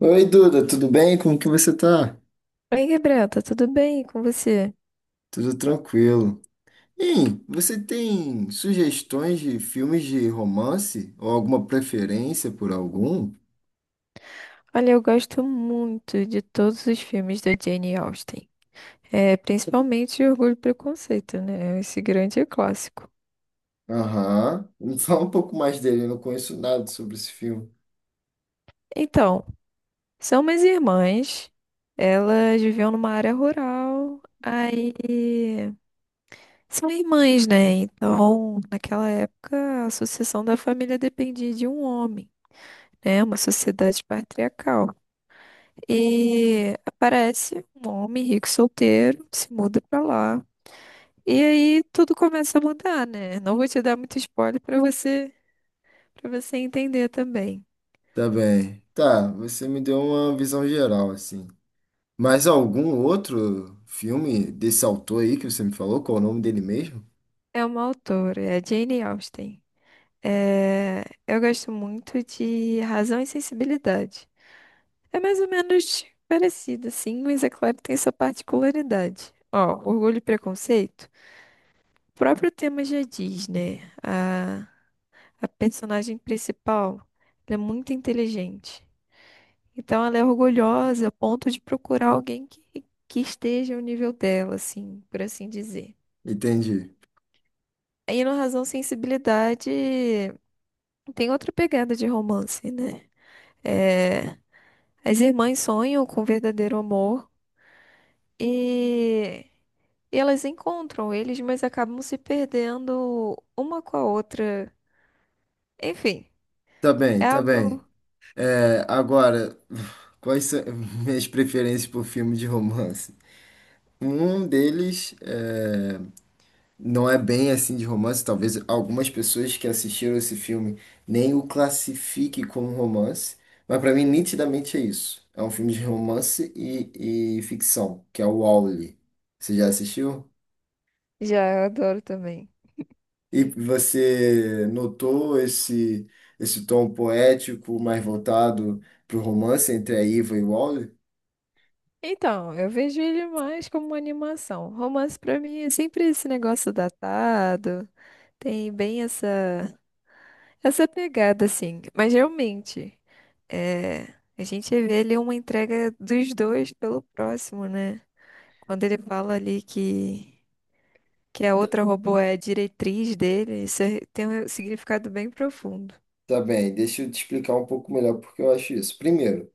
Oi, Duda, tudo bem? Como que você tá? Oi, Gabriel, tá tudo bem com você? Tudo tranquilo. Hein, você tem sugestões de filmes de romance? Ou alguma preferência por algum? Olha, eu gosto muito de todos os filmes da Jane Austen. É, principalmente Orgulho e Preconceito, né? Esse grande clássico. Aham. Me Fala um pouco mais dele, eu não conheço nada sobre esse filme. Então, são umas irmãs, elas viviam numa área rural, aí são irmãs, né? Então, naquela época, a sucessão da família dependia de um homem, né? Uma sociedade patriarcal. E aparece um homem rico solteiro, se muda pra lá. E aí tudo começa a mudar, né? Não vou te dar muito spoiler para você entender também. Tá bem. Tá, você me deu uma visão geral, assim. Mas algum outro filme desse autor aí que você me falou? Qual o nome dele mesmo? É uma autora, é a Jane Austen. É, eu gosto muito de Razão e Sensibilidade. É mais ou menos parecido, sim, mas é claro que tem sua particularidade. Ó, Orgulho e Preconceito. O próprio tema já diz, né? A personagem principal, ela é muito inteligente. Então ela é orgulhosa a ponto de procurar alguém que esteja ao nível dela, assim, por assim dizer. Entendi. Aí no Razão Sensibilidade tem outra pegada de romance, né? É, as irmãs sonham com verdadeiro amor e, e elas encontram eles, mas acabam se perdendo uma com a outra. Enfim, Tá bem, é tá bem. algo. É, agora, quais são minhas preferências por filme de romance? Um deles é, não é bem assim de romance, talvez algumas pessoas que assistiram esse filme nem o classifiquem como romance, mas para mim nitidamente é isso. É um filme de romance e ficção, que é o Wall-E. Você já assistiu? Já, eu adoro também. E você notou esse tom poético mais voltado para o romance entre a Iva e o Wall-E? Então, eu vejo ele mais como uma animação. Romance pra mim é sempre esse negócio datado. Tem bem essa pegada, assim. Mas realmente, é, a gente vê ali uma entrega dos dois pelo próximo, né? Quando ele fala ali que a outra robô é a diretriz dele, isso é- tem um significado bem profundo. Tá bem, deixa eu te explicar um pouco melhor porque eu acho isso. Primeiro,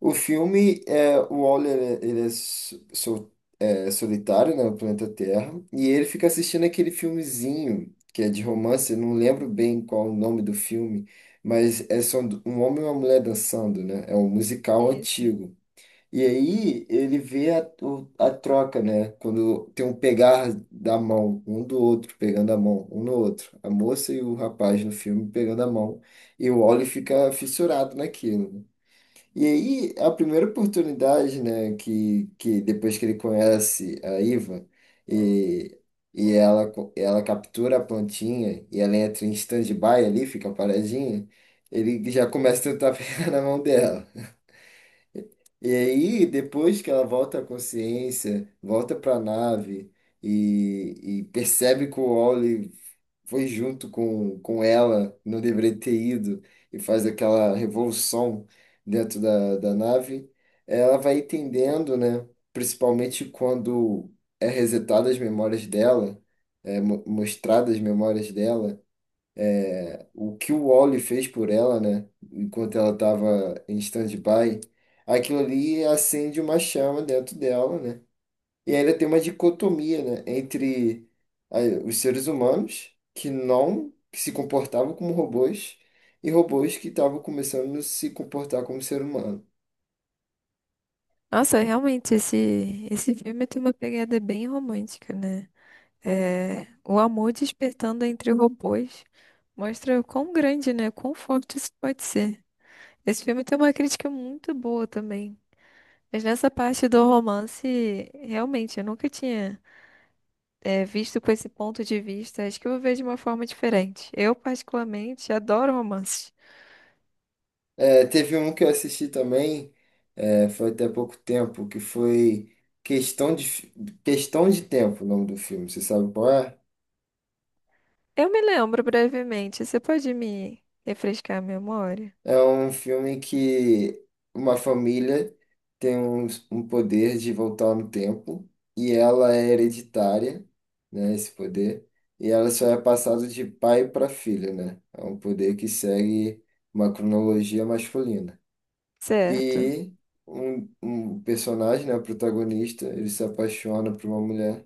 o filme, é, o Waller, ele é, é, solitário, né, no planeta Terra, e ele fica assistindo aquele filmezinho, que é de romance, eu não lembro bem qual o nome do filme, mas é só um homem e uma mulher dançando, né, é um musical Isso. antigo. E aí ele vê a, a troca, né, quando tem um pegar da mão, um do outro pegando a mão, um no outro, a moça e o rapaz no filme pegando a mão, e o Waller fica fissurado naquilo. E aí, a primeira oportunidade, né, que depois que ele conhece a Iva, e, e ela, ela captura a plantinha, e ela entra em stand-by ali, fica paradinha, ele já começa a tentar pegar na mão dela. E aí, depois que ela volta à consciência, volta para a nave e, e percebe que o Wally foi junto com ela, não deveria ter ido, e faz aquela revolução dentro da nave, ela vai entendendo, né? Principalmente quando é resetada as memórias dela, é mostrada as memórias dela o que o Wally fez por ela, né? Enquanto ela estava em stand-by, aquilo ali acende uma chama dentro dela, né? E ainda tem uma dicotomia, né? Entre ah, os seres humanos que não que se comportavam como robôs e robôs que estavam começando a se comportar como ser humano. Nossa, realmente, esse filme tem uma pegada bem romântica, né? É, o amor despertando entre robôs mostra o quão grande, né? Quão forte isso pode ser. Esse filme tem uma crítica muito boa também. Mas nessa parte do romance, realmente, eu nunca tinha, visto com esse ponto de vista. Acho que eu vou ver de uma forma diferente. Eu, particularmente, adoro romances. É, teve um que eu assisti também, é, foi até pouco tempo, que foi Questão de, Fi- Questão de Tempo, o nome do filme. Você sabe qual é? Eu me lembro brevemente. Você pode me refrescar a memória? É um filme que uma família tem um poder de voltar no tempo e ela é hereditária, né, esse poder, e ela só é passada de pai para filho, né? É um poder que segue uma cronologia masculina. Certo. E um personagem, né, o protagonista, ele se apaixona por uma mulher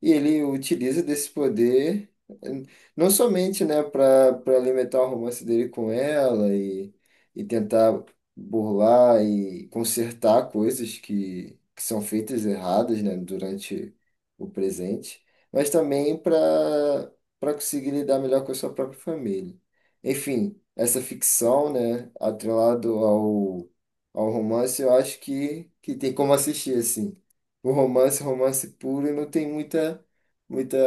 e ele utiliza desse poder, eh, não somente, né, para alimentar o romance dele com ela e tentar burlar e consertar coisas que são feitas erradas, né, durante o presente, mas também para conseguir lidar melhor com a sua própria família. Enfim, essa ficção, né, atrelado ao, ao romance, eu acho que tem como assistir, assim. O romance, romance puro, eu não tenho muita, muita,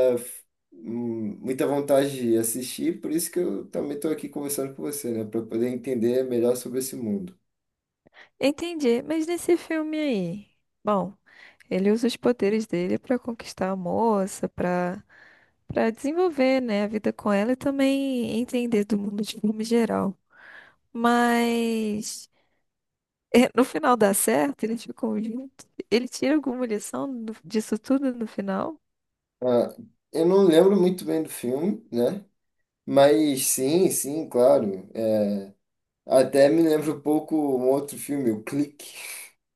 muita vontade de assistir, por isso que eu também estou aqui conversando com você, né? Para poder entender melhor sobre esse mundo. Entendi. Mas nesse filme aí, bom, ele usa os poderes dele para conquistar a moça, para desenvolver, né, a vida com ela e também entender do mundo de forma geral. Mas é, no final dá certo, eles ficam juntos. Ele tira alguma lição do- disso tudo no final? Ah, eu não lembro muito bem do filme, né? Mas sim, sim, claro. É, até me lembro um pouco um outro filme, o Clique,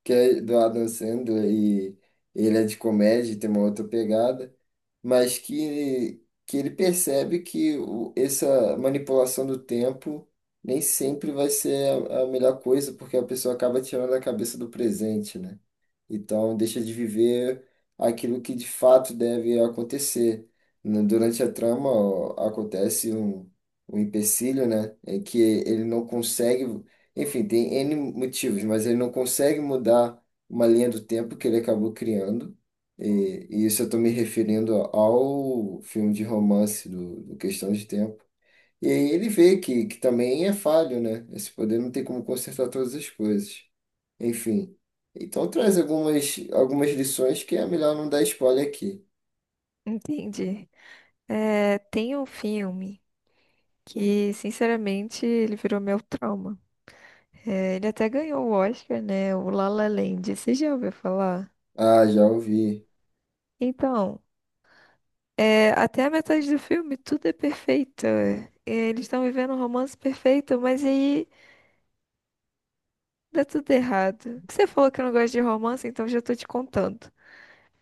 que é do Adam Sandler e ele é de comédia, tem uma outra pegada. Mas que ele percebe que essa manipulação do tempo nem sempre vai ser a melhor coisa, porque a pessoa acaba tirando a cabeça do presente, né? Então, deixa de viver aquilo que de fato deve acontecer. Durante a trama, ó, acontece um, um empecilho, né? É que ele não consegue. Enfim, tem N motivos, mas ele não consegue mudar uma linha do tempo que ele acabou criando. E isso eu estou me referindo ao filme de romance do, do Questão de Tempo. E aí ele vê que também é falho, né? Esse poder não tem como consertar todas as coisas. Enfim. Então traz algumas, algumas lições que é melhor não dar spoiler aqui. Entendi. É, tem um filme que, sinceramente, ele virou meu trauma. É, ele até ganhou o Oscar, né? O La La Land. Você já ouviu falar? Ah, já ouvi. Então, é, até a metade do filme, tudo é perfeito. É, eles estão vivendo um romance perfeito, mas aí dá tudo errado. Você falou que não gosta de romance, então já tô te contando.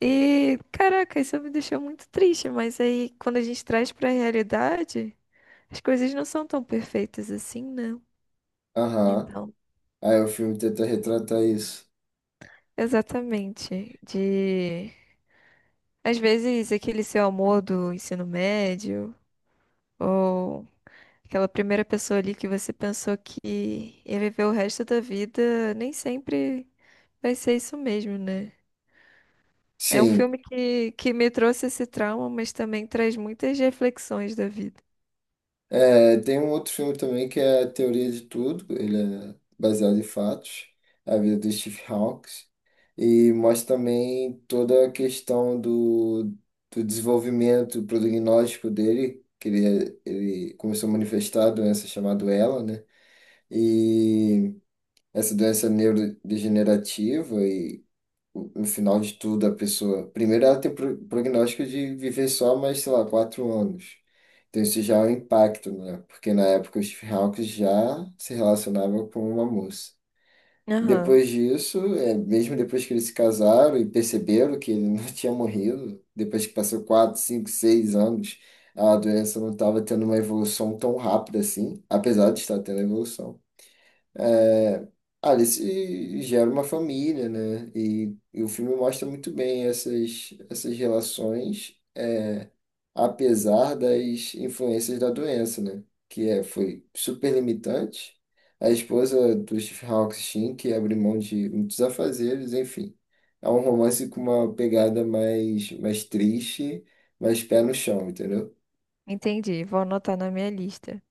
E, caraca, isso me deixou muito triste, mas aí quando a gente traz pra realidade, as coisas não são tão perfeitas assim, né? Aham. Então, Aí o filme tenta retratar isso. exatamente, de às vezes aquele seu amor do ensino médio ou aquela primeira pessoa ali que você pensou que ia viver o resto da vida, nem sempre vai ser isso mesmo, né? É um Sim. filme que me trouxe esse trauma, mas também traz muitas reflexões da vida. É, tem um outro filme também que é a Teoria de Tudo. Ele é baseado em fatos. A vida do Steve Hawkes. E mostra também toda a questão do, do desenvolvimento prognóstico dele, ele começou a manifestar a doença chamada ELA, né? E essa doença neurodegenerativa e no final de tudo a pessoa, primeiro ela tem prognóstico de viver só mais, sei lá, 4 anos. Então isso já é um impacto, né? Porque na época os Hawks já se relacionava com uma moça. Aham. Depois disso, é, mesmo depois que eles se casaram e perceberam que ele não tinha morrido, depois que passou 4, 5, 6 anos, a doença não estava tendo uma evolução tão rápida assim, apesar de estar tendo evolução. É, se gera uma família, né? E o filme mostra muito bem essas, essas relações, apesar das influências da doença, né? Que é, foi super limitante. A esposa do Stephen Hawking, que abre mão de muitos afazeres, enfim. É um romance com uma pegada mais, mais triste, mais pé no chão, entendeu? Entendi, vou anotar na minha lista.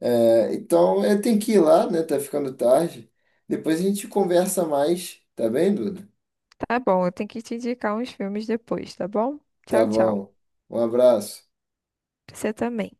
É, então, eu tenho que ir lá, né? Tá ficando tarde. Depois a gente conversa mais, tá bem, Duda? Tá bom, eu tenho que te indicar uns filmes depois, tá bom? Tá Tchau, tchau. bom. Um abraço. Você também.